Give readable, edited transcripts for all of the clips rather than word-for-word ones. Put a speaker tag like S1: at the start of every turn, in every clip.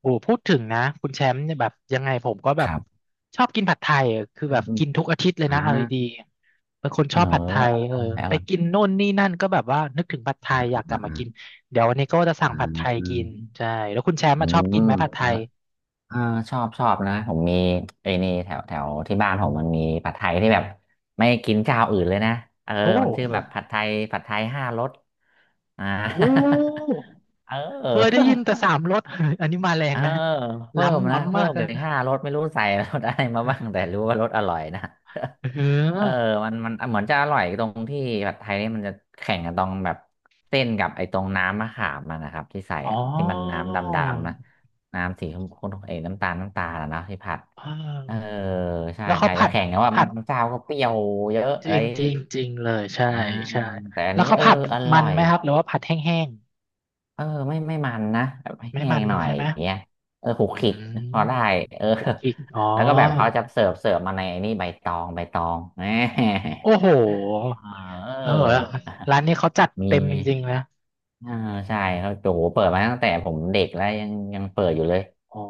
S1: โอ้พูดถึงนะคุณแชมป์เนี่ยแบบยังไงผมก็แบ
S2: ค
S1: บ
S2: รับ
S1: ชอบกินผัดไทยอะคือแบ
S2: อื
S1: บ
S2: ม
S1: กินทุกอาทิตย์เล
S2: อ
S1: ย
S2: อ่า
S1: นะเอาดีๆเป็นคน
S2: เอ
S1: ช
S2: อ
S1: อบผัดไทยเออ
S2: เอาไหน
S1: ไปกิ
S2: เอาะ
S1: นโน่นนี่นั่นก็แบบว่านึกถึงผัดไท
S2: อ่า
S1: ยอยากกลับมา
S2: อ่า
S1: กินเดี๋ยววันนี้ก็จะสั่
S2: อ่า
S1: งผั
S2: อื
S1: ดไท
S2: ม
S1: ย
S2: อื
S1: กิ
S2: ม
S1: นใช่แล้วคุณแชมป์มาชอบ
S2: เอ
S1: กิ
S2: อ
S1: นไหมผัดไทย
S2: เอาชอบ นะ ผมมีไอ้นี่แถว แถว ที่บ้าน ผม มันมี ผัดไทยที่ แบบ ไม่ กินเจ้าอื่น เลย นะ เออ
S1: โอ้
S2: มัน ชื่อ แบบ ผัดไทยห้ารสอ่า
S1: โห้
S2: เอ
S1: เคยได้ยิน
S2: อ
S1: แต่สามรส อันนี้มาแร
S2: เอ
S1: ง
S2: อ
S1: นะ
S2: เพิ่ม
S1: ล้ำ
S2: นะ
S1: ล้ำ
S2: เพิ่
S1: มาก
S2: มไป
S1: นะ
S2: ห้ารสไม่รู้ใส่รสอะไรมาบ้างแต่รู้ว่ารสอร่อยนะ
S1: เ
S2: เออ
S1: ออ
S2: มันเหมือนจะอร่อยตรงที่ผัดไทยนี่มันจะแข่งกันตรงแบบเส้นกับไอ้ตรงน้ำมะขามมันนะครับที่ใส่
S1: อ๋อ
S2: อะที่มันน้ำดำๆนะน้ำสีชมพูเอ้ยน้ำตาลน้ำตาลนะเนาะที่ผัด
S1: เอ่า
S2: เออใช่
S1: แล้วเขา
S2: ใช่
S1: ผั
S2: จะ
S1: ด
S2: แข่งกันว่า
S1: ผั
S2: บาง
S1: ด
S2: เจ้าก็เปรี้ยวเยอะ
S1: จ
S2: อะ
S1: ริ
S2: ไร
S1: ง
S2: อย่าง
S1: จริ
S2: งี้
S1: งจริงเลยใช่
S2: อ่า
S1: ใช่
S2: แต่อัน
S1: แล้ว
S2: นี้
S1: เขาผัด
S2: อ
S1: มั
S2: ร่
S1: น
S2: อย
S1: ไหมครับหรือว่าผัดแห้ง
S2: ไม่ไม่มันนะแบบ
S1: ๆไม่
S2: แห้
S1: มั
S2: ง
S1: น
S2: หน่อ
S1: ใช่
S2: ย
S1: ไหม
S2: อย่างเงี้ยขูก
S1: อื
S2: ขลิกพ
S1: ม
S2: อได้เออ
S1: คลุกกีกอ๋อ
S2: แล้วก็แบบเขาจะเสิร์ฟมาในนี่ใบตองแหม
S1: โอ้โห
S2: เอ
S1: เออ
S2: อ
S1: ร้านนี้เขาจัด
S2: มี
S1: เต็มจ
S2: มี
S1: ริงๆนะ
S2: เออใช่เขาโจเปิดมาตั้งแต่ผมเด็กแล้วยังเปิดอยู่เลย
S1: อ๋อ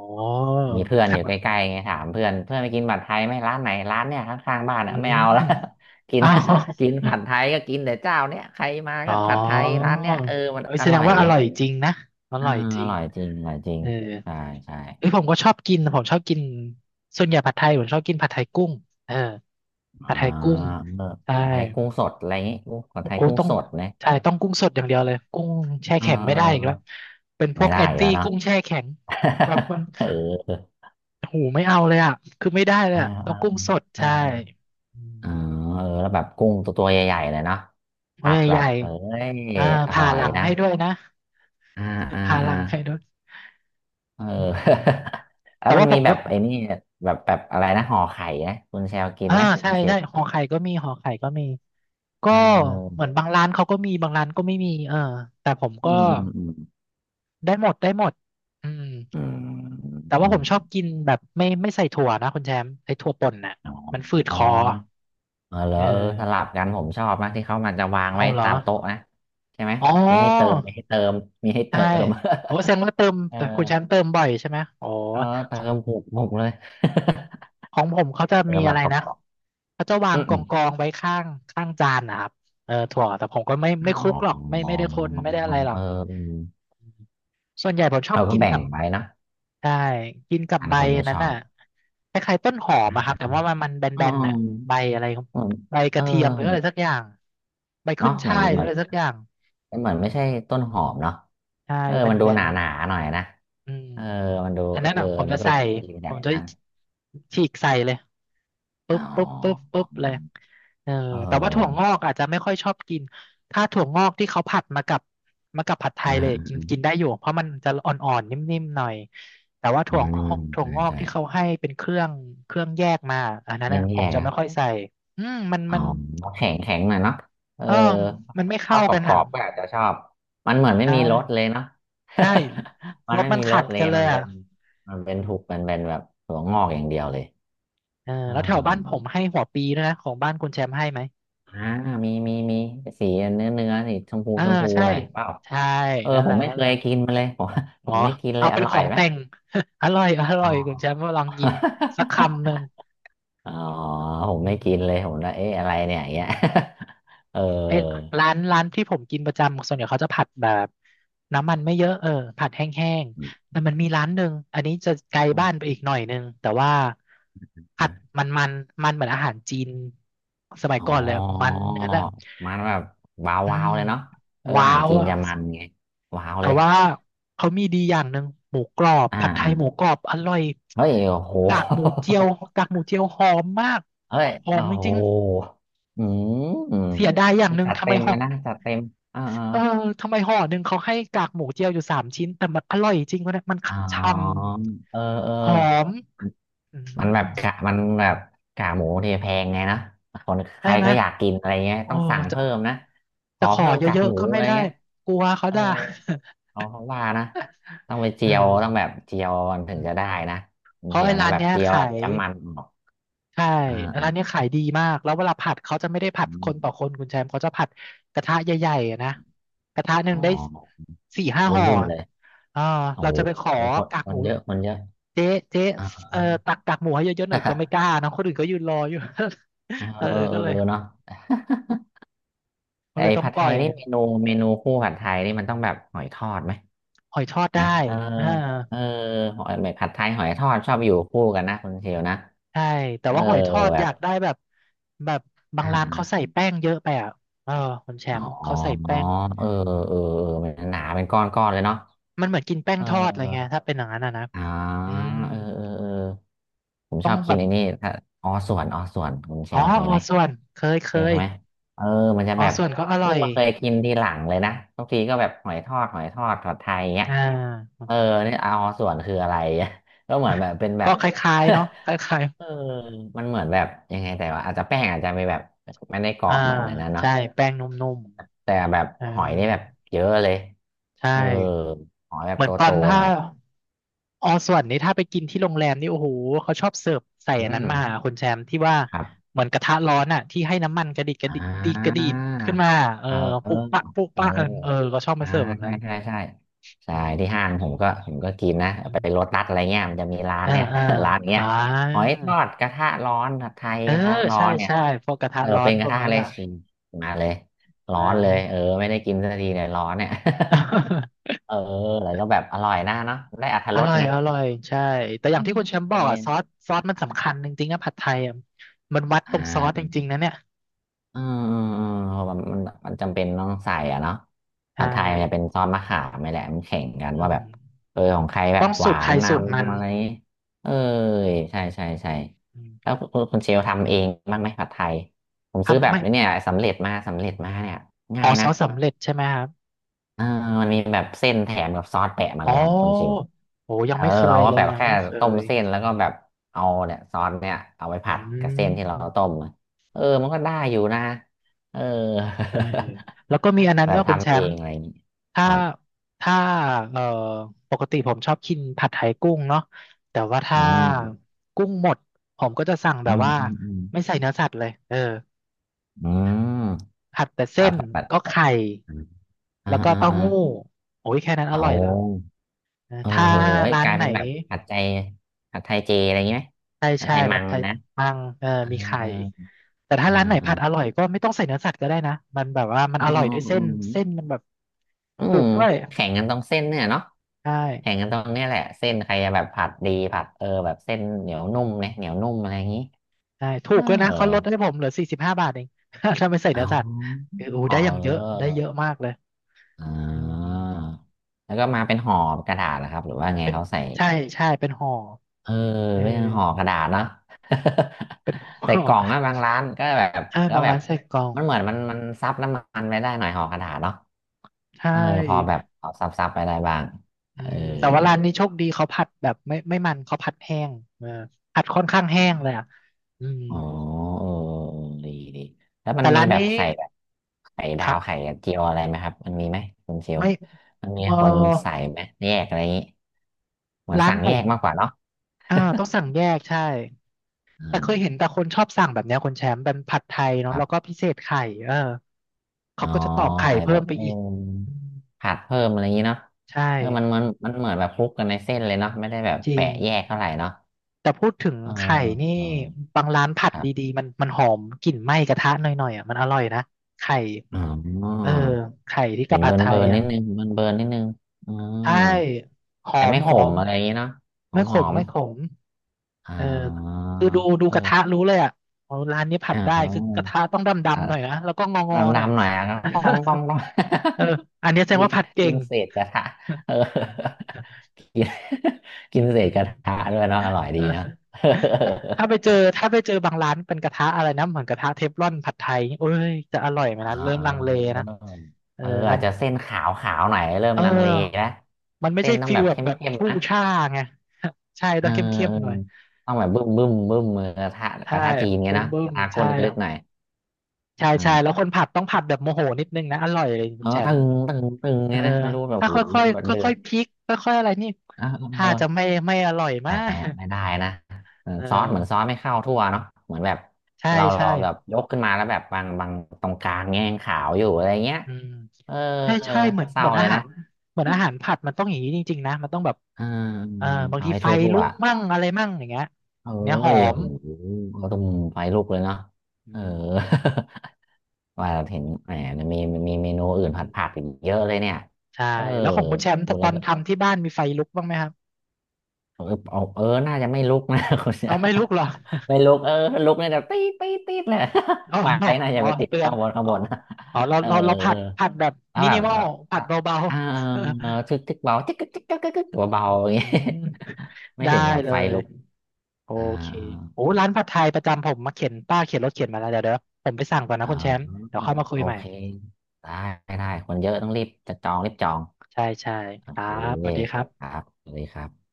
S2: มีเพื่อน
S1: ค
S2: อยู่
S1: รั
S2: ใก
S1: บ
S2: ล้ๆไงถามเพื่อนเพื่อนไปกินผัดไทยไหมร้านไหนร้านเนี่ยข้างๆบ้าน
S1: อื
S2: อ่ะไม่เอาแล้ว
S1: ม
S2: กิน
S1: อ้าว
S2: กินผัดไทยก็กินแต่เจ้าเนี้ยใครมา
S1: อ๋
S2: ก็ผัดไทย
S1: อ
S2: ร้านเนี้ยมัน
S1: เอ้ย
S2: อ
S1: แสด
S2: ร่
S1: ง
S2: อย
S1: ว่าอ
S2: ไง
S1: ร่อยจริงนะอ
S2: อ่า
S1: ร่อยจ
S2: อ
S1: ริง
S2: ร่อยจริงอร่อยจริง
S1: เออ
S2: ใช่ใช่
S1: เอ้ยผมก็ชอบกินผมชอบกินส่วนใหญ่ผัดไทยผมชอบกินผัดไทยกุ้งเออ
S2: อ่า
S1: ผัดไทยกุ้ง
S2: เออ
S1: ใช่
S2: ผัดไทยกุ้งสดอะไรอย่างงี้กุ้งผัดไทย
S1: โอ้
S2: กุ้ง
S1: ต้อง
S2: สดนะ
S1: ใช่ต้องกุ้งสดอย่างเดียวเลยกุ้งแช่
S2: เออ
S1: แข็ง
S2: เ
S1: ไม่ได้อีก
S2: อ
S1: แล้ว
S2: อ
S1: เป็นพว
S2: ไม่
S1: ก
S2: ได้
S1: แอน
S2: อีก
S1: ตี้
S2: แล้วเนาะ
S1: กุ้งแช่แข็งแบบมัน
S2: เออ
S1: หูไม่เอาเลยอ่ะคือไม่ได้เลย
S2: อ่า
S1: อ่ะต้
S2: อ่า
S1: องกุ้งสด
S2: อ่า
S1: ใช่อืม
S2: อ่าอ๋อเออแล้วแบบกุ้งตัวใหญ่ๆเลยเนาะ
S1: หัว
S2: ผัดแบ
S1: ใหญ่
S2: บเอ้ย
S1: ๆอ่า
S2: อ
S1: ผ่า
S2: ร่อ
S1: ห
S2: ย
S1: ลัง
S2: นะ
S1: ให้ด้วยนะ
S2: อ่าอ่า
S1: ผ่าหลั
S2: อ่า
S1: งให้ด้วย
S2: เออ
S1: อืม
S2: แล้
S1: แต่
S2: วมัน
S1: ว่าผ
S2: มี
S1: ม
S2: แบ
S1: ไม่
S2: บไอ้นี่แบบอะไรนะห่อไข่นะคุณเชลกิน
S1: อ่า
S2: ไหม
S1: ใช่
S2: คุณเช
S1: ใช่
S2: ล
S1: หอไข่ก็มีหอไข่ก็มี
S2: เ
S1: ก็
S2: ออ
S1: เหมือนบางร้านเขาก็มีบางร้านก็ไม่มีเออแต่ผม
S2: อื
S1: ก็
S2: มอืม
S1: ได้หมดได้หมดอืม
S2: อืมอืม
S1: แต่
S2: อื
S1: ว่าผมชอบ
S2: ม
S1: กินแบบไม่ใส่ถั่วนะคุณแชมป์ไอ้ถั่วป่นน่ะมันฝืดค
S2: อ๋อ
S1: อ
S2: เออเหรอ
S1: เอ
S2: สลั
S1: อ
S2: บกันผมชอบมากที่เขามันจะวาง
S1: เอา
S2: ไว้
S1: เหร
S2: ตา
S1: อ
S2: มโต๊ะนะใช่ไหม
S1: อ๋อ
S2: มีให้เติมมีให้เติมมีให้เติ
S1: ใช่
S2: ม
S1: โอ้แสดงว่าเติม
S2: เ
S1: แต่คุณแชมป์
S2: ออ
S1: เติมบ่อยใช่ไหมโอ้
S2: เออเติมหกหกเลย
S1: ของผมเขาจะ
S2: เติ
S1: มี
S2: มแบ
S1: อะ
S2: บ
S1: ไร
S2: ก
S1: นะ
S2: รอบ
S1: เขาจะวา
S2: ๆ
S1: ง
S2: อื
S1: กอง
S2: ม
S1: กองไว้ข้างจานนะครับเออถั่วแต่ผมก็ไม่
S2: ๆ
S1: ไม่ค
S2: อ๋อ
S1: ลุกหรอกไม่ได้คนไม่ได้อะไรหร
S2: เ
S1: อก
S2: ออ
S1: ส่วนใหญ่ผมชอบ
S2: เราก็
S1: กิน
S2: แบ่
S1: กั
S2: ง
S1: บ
S2: ไว้นะ
S1: ใช่กินกับ
S2: อัน
S1: ใบ
S2: คนไม่ช
S1: นั้น
S2: อ
S1: น่ะ
S2: บ
S1: คล้ายๆต้นหอมอะครับแต่ว่ามันมัน
S2: อื
S1: แบนๆน่ะ
S2: มเ
S1: ใบอะไรครับ
S2: หมือน
S1: ใบก
S2: เออ
S1: ระเทียมหรือ
S2: เห
S1: อะ
S2: มือ
S1: ไร
S2: น
S1: สักอย่าง ใบขึ้
S2: เนาะ
S1: น
S2: เหมือ
S1: ฉ่า
S2: น
S1: ยห
S2: เห
S1: รือ
S2: มือ
S1: อะ
S2: น
S1: ไรสักอย่าง
S2: เหมือนไม่ใช่ต้นหอมเนาะ
S1: ใช่แบน
S2: มันดูหนาหนาหน่อยนะ
S1: ๆอืม
S2: เออมันดู
S1: อันนั้นอ่ะผม
S2: มั
S1: จะ
S2: นก็
S1: ใส่
S2: กินอ
S1: ผ
S2: ย่าง
S1: มจะ
S2: นั้น
S1: ฉีกใส่เลยปุ๊
S2: อ๋อ
S1: บปุ๊บปุ๊บ
S2: เอ
S1: ปุ๊บเลย
S2: อ
S1: เออ
S2: อ
S1: แต่ว่าถั่วง
S2: า
S1: อกอาจจะไม่ค่อยชอบกินถ้าถั่วงอกที่เขาผัดมากับมากับผัดไทยเลยกินกินได้อยู่เพราะมันจะอ่อนๆนิ่มๆหน่อยแต่ว่าถั่ว
S2: อ่า
S1: งอกถั่ว
S2: ใช่
S1: งอก
S2: ใช่
S1: ที่เขาให้เป็นเครื่องเครื่องแยกมาอันนั้
S2: แ
S1: นอ่ะผม
S2: ย่
S1: จะ
S2: ๆนะ
S1: ไม่ค่อยใส่อืมมัน
S2: อ๋อ
S1: มัน
S2: แข็งแข็งหน่อยเนาะเออ
S1: เออมันไม่
S2: ชอ
S1: เข้า
S2: บก
S1: กัน
S2: ร
S1: อ่ะ
S2: อบๆก็อาจจะชอบมันเหมือนไม่
S1: ใช่
S2: มีรสเลยเนาะ
S1: ใช่
S2: มั
S1: ร
S2: น
S1: ส
S2: ไม่
S1: มัน
S2: มีร
S1: ขัด
S2: สเลย
S1: กันเลย
S2: มัน
S1: อ่ะ
S2: เป็นมันเป็นถูกเป็นเป็นแบบถั่วงอกอย่างเดียวเลย
S1: เออ
S2: เออ
S1: แล้วแถวบ้านผมให้หัวปีด้วยนะของบ้านคุณแชมป์ให้ไหม
S2: อ่ามีมีมีสีเนื้อเนื้อสีชมพู
S1: อ่า
S2: ชมพู
S1: ใช่
S2: หน่อยเปล่า
S1: ใช่นั่น
S2: ผ
S1: แห
S2: ม
S1: ละ
S2: ไม่
S1: นั่
S2: เค
S1: นแห
S2: ย
S1: ละ
S2: กินมาเลยผม ผ
S1: อ๋อ
S2: มไม่กินเล
S1: เอา
S2: ยอ
S1: เป็น
S2: ร่
S1: ข
S2: อย
S1: อง
S2: ไหม
S1: แต่ง อร่อยอร่
S2: อ๋
S1: อ
S2: อ
S1: ยคุณแชมป์ว่าลองกินสักคำหนึ่ง
S2: อ๋อผม
S1: อื
S2: ไม่กินเลย
S1: ม
S2: ผมนะเอ๊ะอะไรเนี่ยอย่างเงี้
S1: อื
S2: ย
S1: ม
S2: เออ
S1: เอ๊ะร้านร้านที่ผมกินประจำส่วนใหญ่เขาจะผัดแบบน้ำมันไม่เยอะเออผัดแห้งๆแต่มันมีร้านหนึ่งอันนี้จะไกล
S2: อื
S1: บ้านไป
S2: ม
S1: อีกหน่อยหนึงแต่ว่าผัด
S2: นะ
S1: มันมันเหมือนอาหารจีนสมัย
S2: อ๋อ
S1: ก่อนเลยมันอย่างนั้นแหละ
S2: มันแบบวาว
S1: อื
S2: วาว
S1: ม
S2: เลยเนาะอา
S1: ว้า
S2: หาร
S1: ว
S2: จีน
S1: อ่ะ
S2: จะมันไงว้าว
S1: แต่
S2: เลย
S1: ว่าเขามีดีอย่างหนึ่งหมูกรอบ
S2: อ่า
S1: ผัดไท
S2: อ่า
S1: ยหมูกรอบอร่อย
S2: เฮ้ยโอ้โห
S1: กากหมูเจียวกากหมูเจียวหอมมาก
S2: เฮ้ย
S1: หอ
S2: โอ้
S1: ม
S2: โ
S1: จริง
S2: หอืมอืม
S1: ๆเสียดายอย่างหนึ่ง
S2: จัด
S1: ทำไม
S2: เต็ม
S1: ห่อ
S2: มานะจัดเต็มอ่าอ่า
S1: เออทำไมห่อหนึ่งเขาให้กากหมูเจียวอยู่สามชิ้นแต่มันอร่อยจริงวะเนี่ยมัน
S2: อ๋
S1: ช่
S2: อเออเออ
S1: ำหอมอืม
S2: มันแบบกะหมูเทีแพงไงนะคนใค
S1: ได้
S2: ร
S1: ไหม
S2: ก็อยากกินอะไรเงี้ย
S1: โอ้
S2: ต้องสั่งเพิ่ม
S1: จะ
S2: นะข
S1: จะ
S2: อ
S1: ขอ
S2: เพิ่ม
S1: เย
S2: กาก
S1: อะ
S2: หมู
S1: ๆก็
S2: อะ
S1: ไม่
S2: ไร
S1: ได้
S2: เงี้ย
S1: กลัวเขา
S2: เออ
S1: ด่า
S2: เขาว่านะต้องไป เจี
S1: เอ
S2: ยว
S1: อ
S2: ต้องแบบเจียวมันถึงจะได้นะ
S1: เพราะ
S2: เจีย
S1: ไอ้
S2: วนะ
S1: ร้าน
S2: แบบ
S1: เนี้ย
S2: เจียว
S1: ขา
S2: แบบ
S1: ย
S2: จ้ำมันออก
S1: ใช่
S2: อ่าอา
S1: ร้านเนี้ยขายดีมากแล้วเวลาผัดเขาจะไม่ได้ผัด
S2: อ
S1: คนต่
S2: ม
S1: อคนคุณแชมป์เขาจะผัดกระทะใหญ่ๆอะนะกระทะหนึ่ง
S2: อ๋อ
S1: ได้สี่ห้า
S2: บึ้ม
S1: ห่อ
S2: บึ้มเลย
S1: อ่า
S2: โอ้
S1: เรา
S2: โห
S1: จะไปขอกาก
S2: ค
S1: ห
S2: น
S1: มู
S2: เยอะคนเยอะ
S1: เจ๊เจ๊
S2: อ่า
S1: เอ่อตักกากหมูให้เยอะๆหน่อยก็ ไม่กล้าเนอะคนอื่นก็ยืนรออยู่
S2: เออ
S1: เอ
S2: เอ
S1: อ
S2: อ
S1: ก็เลย
S2: เนาะ
S1: ก็
S2: แต่
S1: เลย
S2: ไอ้
S1: ต้อง
S2: ผัด
S1: ป
S2: ไท
S1: ล่อ
S2: ย
S1: ย
S2: นี่เมนูคู่ผัดไทยนี่มันต้องแบบหอยทอดไหม
S1: หอยทอดได้
S2: นะเออ
S1: อ่า
S2: เออหอยแบบผัดไทยหอยทอดชอบอยู่คู่กันนะคุณเชลนะ
S1: ใช่แต่
S2: เออ
S1: ว่าหอยทอด
S2: แบ
S1: อ
S2: บ
S1: ยากได้แบบแบบบาง
S2: อ่
S1: ร้านเขาใส่
S2: า
S1: แป้งเยอะไปอ่ะเออคุณแช
S2: อ๋
S1: ม
S2: อ
S1: ป์เขาใส่
S2: เออ
S1: แป้ง
S2: เออเออมันหนาเป็นก้อนๆเลยเนาะ
S1: มันเหมือนกินแป้งทอดอะไร
S2: เออ
S1: เงี้ยถ้าเป็นอย่างนั้นอะนะ
S2: อ๋อ
S1: อืม
S2: เออเออเออผม
S1: ต้
S2: ช
S1: อง
S2: อบ
S1: แบ
S2: กิน
S1: บ
S2: ไอ้นี่ถ้าออส่วน ออส่วนคุณเช
S1: อ๋อ
S2: ลเคย
S1: ออ
S2: ไหม
S1: ส่วนเคยเค
S2: เดี๋ยว
S1: ย
S2: ถูกไหมเออมันจะ
S1: ออ
S2: แบบ
S1: ส่วนก็อร่
S2: เพิ่
S1: อ
S2: ง
S1: ย
S2: มาเคยกินทีหลังเลยนะบางทีก็แบบหอยทอดผัดไทยเงี้ย
S1: อ่า
S2: เออเนี่ยเอาส่วนคืออะไร ก็เหมือนแบบเป็นแบ
S1: ก็
S2: บ
S1: คล้ายๆเนาะคล้าย
S2: เออมันเหมือนแบบยังไงแต่ว่าอาจจะแป้งอาจจะไม่แบบไม่ได้ก
S1: ๆ
S2: รอ
S1: อ่า
S2: บเหมือนอันนั้นเนาะ
S1: ใช่แป้งนุ่ม
S2: แต่แบบ
S1: ๆเออ
S2: หอยนี่แบบเยอะเลย
S1: ใช่
S2: เออหอยแบบ
S1: เหมือนตอ
S2: โต
S1: น
S2: ๆห
S1: ถ้า
S2: น่อย
S1: ออส่วนนี้ถ้าไปกินที่โรงแรมนี่โอ้โหเขาชอบเสิร์ฟใส่
S2: อื
S1: อันนั้น
S2: ม
S1: มาหาคุณแชมป์ที่ว่า
S2: ครับ
S1: เหมือนกระทะร้อนอ่ะที่ให้น้ำมันกระดิดกระ
S2: อ่
S1: ดิดดีกระดิ
S2: า
S1: ดขึ้นมาเออ
S2: เออ
S1: ปุ๊กปะปุ๊ก
S2: เออ
S1: ปะเออเออเขาชอบมา
S2: อ่า
S1: เสิร์ฟแบบ
S2: ใช่
S1: นั้น
S2: ใช่ใช่ใช่
S1: อืม
S2: ที่ห้างผมก็ผมก็กินนะ
S1: อ
S2: ไปโล
S1: ม
S2: ตัสอะไรเงี้ยมันจะมีร้าน
S1: อ่า
S2: เนี่ย
S1: อ่า
S2: ร้านเนี้
S1: อ่า
S2: ยหอยทอดกระทะร้อนผัดไทย
S1: เออ
S2: กระทะร้อ
S1: ใช่
S2: นเนี่ย
S1: ใช่พวกกระทะร้อ
S2: เป็
S1: น
S2: นก
S1: พ
S2: ระ
S1: วก
S2: ทะ
S1: นี้
S2: เลย
S1: น่ะ
S2: สิมาเลย
S1: อ
S2: ร้อนเลย
S1: ะ
S2: ไม่ได้กินสักทีเนี่ยร้อนเนี่ย เออแล้วก็แบบอร่อยนะเนาะได้อรรถ
S1: อ
S2: รส
S1: ร่อย
S2: ไง
S1: อร่อยใช่แต่อย่างที่คุณแชมป์บอ
S2: มี
S1: กอ่ะซอสมันสำคัญจริงๆนะผัดไทยอ่ะมันวัด
S2: อ่
S1: ตรงซอสจ
S2: า
S1: ริงๆนะเนี่ย
S2: เออเออเออเพราะว่ามันจำเป็นต้องใส่อ่ะเนาะ
S1: ใช่
S2: ผัดไทยมันจะเป็นซอสมะขามไม่แหละมันแข่งกัน
S1: อื
S2: ว่าแบ
S1: ม
S2: บเออของใครแบ
S1: ต้
S2: บ
S1: อง
S2: ห
S1: สู
S2: วา
S1: ตรใค
S2: น
S1: ร
S2: น
S1: สูตรมัน
S2: ำอะไรอย่างงี้เออใช่ใช่ใช่
S1: อืม
S2: แล้วคุณเชลทำเองบ้างไหมผัดไทยผมซื้อแบ
S1: ทำ
S2: บ
S1: ไม่
S2: เนี่ยสำเร็จมาเนี่ย
S1: อ๋อ
S2: ง่าย
S1: ซ
S2: นะ
S1: อสสำเร็จใช่ไหมครับ
S2: เออมันมีแบบเส้นแถมกับซอสแปะมา
S1: อ๋
S2: เล
S1: อ
S2: ยครับคุณเชล
S1: โหยั
S2: เอ
S1: ง
S2: อ
S1: ไม่เค
S2: เรา
S1: ย
S2: ก็
S1: เล
S2: แบ
S1: ย
S2: บ
S1: ยัง
S2: แค่
S1: ไม่เค
S2: ต้มเส้น
S1: ย
S2: แล้วก็แบบเอาเนี่ยซอสเนี่ยเอาไป
S1: อื
S2: ผัดกับเส้นที่เรา
S1: ม
S2: ต้มอะเออมันก็ได้อยู่นะเออ
S1: เออ แล้วก็มีอันนั้น
S2: แบ
S1: ด้ว
S2: บ
S1: ยคุณแช
S2: ทำเอ
S1: ม
S2: ง
S1: ป์
S2: อะไรอย่างนี้ค
S1: ถ้า
S2: รับ
S1: ถ้าเอ่อปกติผมชอบกินผัดไทยกุ้งเนาะแต่ว่าถ้า
S2: อืม
S1: กุ้งหมดผมก็จะสั่งแบ
S2: อื
S1: บ
S2: ม
S1: ว่า
S2: อืมอืม
S1: ไม่ใส่เนื้อสัตว์เลยเออ
S2: อืม
S1: ผัดแต่
S2: ปั
S1: เส้
S2: ด
S1: น
S2: ปัดปั
S1: ก็
S2: ด
S1: ไข่
S2: อ่า
S1: แล้วก็
S2: อ่า
S1: เต้า
S2: อ่า
S1: หู้โอ้ยแค่นั้นอ
S2: เอ
S1: ร่อยแล้ว
S2: า
S1: เออ
S2: เออ
S1: ถ้า
S2: เอ้ย
S1: ร้า
S2: ก
S1: น
S2: ลาย
S1: ไหน
S2: เป็นแบบผัดใจผัดไทยเจอะไรอย่างงี้ไหม
S1: ใช่
S2: ผัด
S1: ใช่
S2: ไทยมั
S1: ผัด
S2: ง
S1: ไทย
S2: นะ
S1: มังเออ
S2: เออ
S1: มีไข่
S2: เอ
S1: แต่
S2: อ
S1: ถ้าร้านไหน
S2: เอ
S1: ผัดอร่
S2: อ
S1: อยก็ไม่ต้องใส่เนื้อสัตว์ก็ได้นะมันแบบว่ามัน
S2: เออ
S1: อร่อยด้วย
S2: อืม
S1: เส้
S2: อื
S1: น
S2: ม
S1: เส้นมันแบบ
S2: อืม
S1: ป
S2: อื
S1: ลูก
S2: ม
S1: ด้วย
S2: แข่งกันตรงเส้นเนี่ยเนาะ
S1: ใช
S2: แข่ง
S1: ่
S2: กันตรงเนี้ยแหละเส้นใครจะแบบผัดดีผัดเออแบบเส้นเหนียวนุ่มเนี่ยเหนียวนุ่มอะไรอย่างนี้
S1: ใช่ถู
S2: เอ
S1: กแล้วยนะ
S2: อ
S1: เขาลดให้ผมเหลือ45 บาทเอง ถ้าไม่ใส่เนื้อ
S2: เอา
S1: สัตว์เออโอ้
S2: อ๋
S1: ได้
S2: อ
S1: อย่างเยอะได้เยอะมากเลย
S2: เออ
S1: อืม
S2: อ่าแล้วก็มาเป็นห่อกระดาษนะครับหรือว่าไง
S1: เป็น
S2: เขาใส่
S1: ใช่ใช่เป็นห่อ
S2: เออ
S1: เออ
S2: ก็ยังห่อกระดาษเนาะ
S1: เป็น
S2: ใส่
S1: ห่อ
S2: กล่องนะบางร้านก็แบบ
S1: เออ
S2: ก็
S1: บาง
S2: แบ
S1: ร้า
S2: บ
S1: นใส่กล่อง
S2: มันเหมือนมันซับน้ำมันไปได้หน่อยห่อกระดาษเนาะ
S1: ใช่
S2: เออพอแบบพอซับซับไปได้บ้าง
S1: อื
S2: เอ
S1: มแต่ว่าร้า
S2: อ
S1: นนี้โชคดีเขาผัดแบบไม่มันเขาผัดแห้งเออผัดค่อนข้างแห้งเลยอ่ะอืม
S2: อ๋อเออเออดีดี แล้วมัน
S1: แต่
S2: มี
S1: ร้าน
S2: แบบ
S1: นี้
S2: ใส่แบบไข่
S1: ค
S2: ดา
S1: รั
S2: ว
S1: บ
S2: ไข่เจียวอะไรไหมครับมันมีไหมคุณเชล
S1: ไม่
S2: มันมี
S1: เออ
S2: คนใส่ไหมแยกอะไรอย่างนี้ เหมือน
S1: ร้าน
S2: สั่ง
S1: ผ
S2: แย
S1: ม
S2: กมากกว่าเนาะ
S1: อ่าต้องสั่งแยกใช่ แต่เคยเห็
S2: อ่า
S1: นแต่คนชอบสั่งแบบเนี้ยคนแชมป์เป็นผัดไทยเนาะ
S2: ครั
S1: แล้
S2: บ
S1: วก็พิเศษไข่เออ
S2: อ๋
S1: เขา
S2: อ
S1: ก็จะตอกอไข่
S2: ใส่
S1: เพิ่
S2: แบ
S1: ม
S2: บ
S1: ไป
S2: เออ
S1: อีกอืม
S2: ผัดเพิ่มอะไรอย่างนี้เนาะ
S1: ใช่
S2: เออมันเหมือนแบบคลุกกันในเส้นเลยเนาะไม่ได้แบบ
S1: จริ
S2: แปะ
S1: ง
S2: แยกเท่าไหร่เนาะ
S1: แต่พูดถึง
S2: เออ
S1: ไข่นี่
S2: เออ
S1: บางร้านผัด
S2: ครับ
S1: ดีๆมันหอมกลิ่นไหม้กระทะหน่อยๆอ่ะมันอร่อยนะไข่
S2: อ๋อ
S1: เออไข่ที่กั
S2: เห็
S1: บ
S2: น
S1: ผัด
S2: เบิร์
S1: ไท
S2: นเบิ
S1: ย
S2: ร์นนิ
S1: อ่ะ
S2: ดนึงเบิร์นเบิร์นนิดนึงอื
S1: ใช่
S2: ม
S1: หอ
S2: แต่
S1: ม
S2: ไม่
S1: ห
S2: ข
S1: อ
S2: ม
S1: ม
S2: อะไรอย่างนี้เนาะหอ
S1: ไม่
S2: ม
S1: ข
S2: หอ
S1: ม
S2: ม
S1: ไม่ขม
S2: อ่
S1: เออ
S2: า
S1: คือดูดู
S2: เอ
S1: กระ
S2: อ
S1: ทะรู้เลยอ่ะอ๋อร้านนี้ผัด
S2: อ่า
S1: ได้คื
S2: ว
S1: อกระทะต้องด
S2: อ่
S1: ำๆหน่อยนะแล้วก็งองอ
S2: า
S1: หน่อย
S2: ดำๆหน่อยอ่ะป้องป้องป้อง
S1: เอออันนี้แส ด
S2: กิ
S1: ง
S2: น
S1: ว่าผัดเก่
S2: กิ
S1: ง
S2: นเศษกระทะเออ กินกินเศ
S1: อื
S2: ษก
S1: ม
S2: ระ ทะด้วยเนาะอร่อย
S1: เอ
S2: ดี
S1: อ
S2: เนาะ
S1: ถ้าถ้าไปเจอถ้าไปเจอบางร้านเป็นกระทะอะไรนะเหมือนกระทะเทฟลอนผัดไทยโอ้ยจะอร่อยไหม
S2: อ่า
S1: นะเริ่ม
S2: เออ
S1: ลังเล
S2: เริ่
S1: นะ
S2: ม
S1: เออ
S2: เออ
S1: มั
S2: อาจ
S1: น
S2: จะเส้นขาวขาวหน่อยเริ่ม
S1: เออ
S2: ลังเลแล้ว
S1: มันไม่
S2: เส้
S1: ใช่
S2: นต้อง
S1: ฟิ
S2: แบ
S1: ล
S2: บ
S1: แบบ
S2: เข้ม
S1: แบบ
S2: เข้ม
S1: ชู่
S2: นะ
S1: ช่าไง ใช่
S2: เอ
S1: ต้
S2: อ
S1: องเข้ม
S2: เออ
S1: ๆหน่อย
S2: ต้องแบบบึ้มบึ้มบึ้มมือกระทะก
S1: ใช่
S2: ระทะจีนไง
S1: เบิ่
S2: เน
S1: ม
S2: อะ
S1: เบิ่
S2: ก
S1: ม
S2: ระทะก้
S1: ใช่
S2: น
S1: ค
S2: ลึ
S1: รั
S2: ก
S1: บ
S2: ๆหน่อย
S1: ใช่ใช่แล้ว
S2: อ่า
S1: คนผัดต้องผัดแบบโมโหนิดนึงนะอร่อยเลยคุ
S2: เอ
S1: ณ
S2: อ
S1: แช
S2: ตึ
S1: มป์
S2: งตึงตึง
S1: เอ
S2: ไง
S1: อ
S2: นะไม่รู้แบบ
S1: ถ้า
S2: โห
S1: ค่อยค่อย
S2: แบบ
S1: ค่อย
S2: เดือ
S1: ค่อ
S2: ด
S1: ยๆพลิกค่อยค่อยอะไรนี่
S2: เออเอ
S1: ถ้า
S2: อ
S1: จะไม่อร่อย
S2: ไม่
S1: มาก
S2: ไม่ได้นะเออ
S1: เออ
S2: ซอสเหมือนซอสไม่เข้าทั่วเนาะเหมือนแบบ
S1: ใช่
S2: เรา
S1: ใช่
S2: เราแบบยกขึ้นมาแล้วแบบบางบางตรงกลางแง่งขาวอยู่อะไรเงี้ย
S1: อืม
S2: เออ
S1: ใช่ใช่เหมือน
S2: เศ
S1: เห
S2: ร้า
S1: มือน
S2: เล
S1: อา
S2: ย
S1: หา
S2: นะ
S1: รเหมือนอาหารผัดมันต้องอย่างนี้จริงๆนะมันต้องแบบ
S2: เออ
S1: เออบาง
S2: เอา
S1: ที
S2: ให้
S1: ไฟ
S2: ทั่วทั่
S1: ลุ
S2: ว
S1: กมั่งอะไรมั่งอย่างเงี้ย
S2: เอ้
S1: เนี่ยหอ
S2: ย
S1: ม
S2: โหเราต้องไปลุกเลยเนาะ
S1: อื
S2: เออ
S1: ม
S2: ว่าเห็นแหมมีมีเมนูอื่น
S1: อื
S2: ผัดผัก
S1: ม
S2: อีกเยอะเลยเนี่ย
S1: ใช่
S2: เออ
S1: แล้วของคุณแชมป์
S2: ดู
S1: ต
S2: แล้
S1: อ
S2: ว
S1: น
S2: ก็
S1: ทำที่บ้านมีไฟลุกบ้างไหมครับ
S2: เออเอาเออน่าจะไม่ลุกนะ คุณเนี่
S1: เอา
S2: ย
S1: ไม่ลุกเหรอ
S2: ไม่ลุกเออลุกเนี่ยจะตีดตีดตีดเลย
S1: อ๋อ
S2: ไฟน่า
S1: อ๋
S2: จะ
S1: อ
S2: ไปติด
S1: เตือ
S2: ข้า
S1: น
S2: งบนข้าง
S1: อ๋อ
S2: บน นะ
S1: อ๋อเรา
S2: เออ
S1: เราเราผัดแบบ
S2: แล้ว
S1: มิ
S2: แบ
S1: นิ
S2: บ
S1: มอล
S2: แบบ
S1: ผัด
S2: อ่ะ
S1: เบา
S2: เออ
S1: ๆ
S2: เออทึกทึกเบาทึกทึกทึกทึกทึกตัวเบาๆอ ย่าง
S1: อื
S2: งี้
S1: ม
S2: ไม่
S1: ได้
S2: ถึงกับ
S1: เล
S2: ไฟ
S1: ย
S2: ลุก
S1: โอ
S2: อ่า
S1: เคโอ้ร้านผัดไทยประจำผมมาเข็นป้าเข็นรถเข็นมาแล้วเดี๋ยวเดี๋ยวผมไปสั่งก่อนนะคุณแชมป์
S2: เออ
S1: เดี๋ยวเข้ามาคุย
S2: โอ
S1: ใหม่
S2: เคได้ได้ คนเยอะต้องรีบจะจองรีบจอง
S1: ใช่ใช่
S2: โอ
S1: ครั
S2: เค
S1: บ สวัสดีค
S2: ครั
S1: รั
S2: บค
S1: บ
S2: รับสวัสดีครับ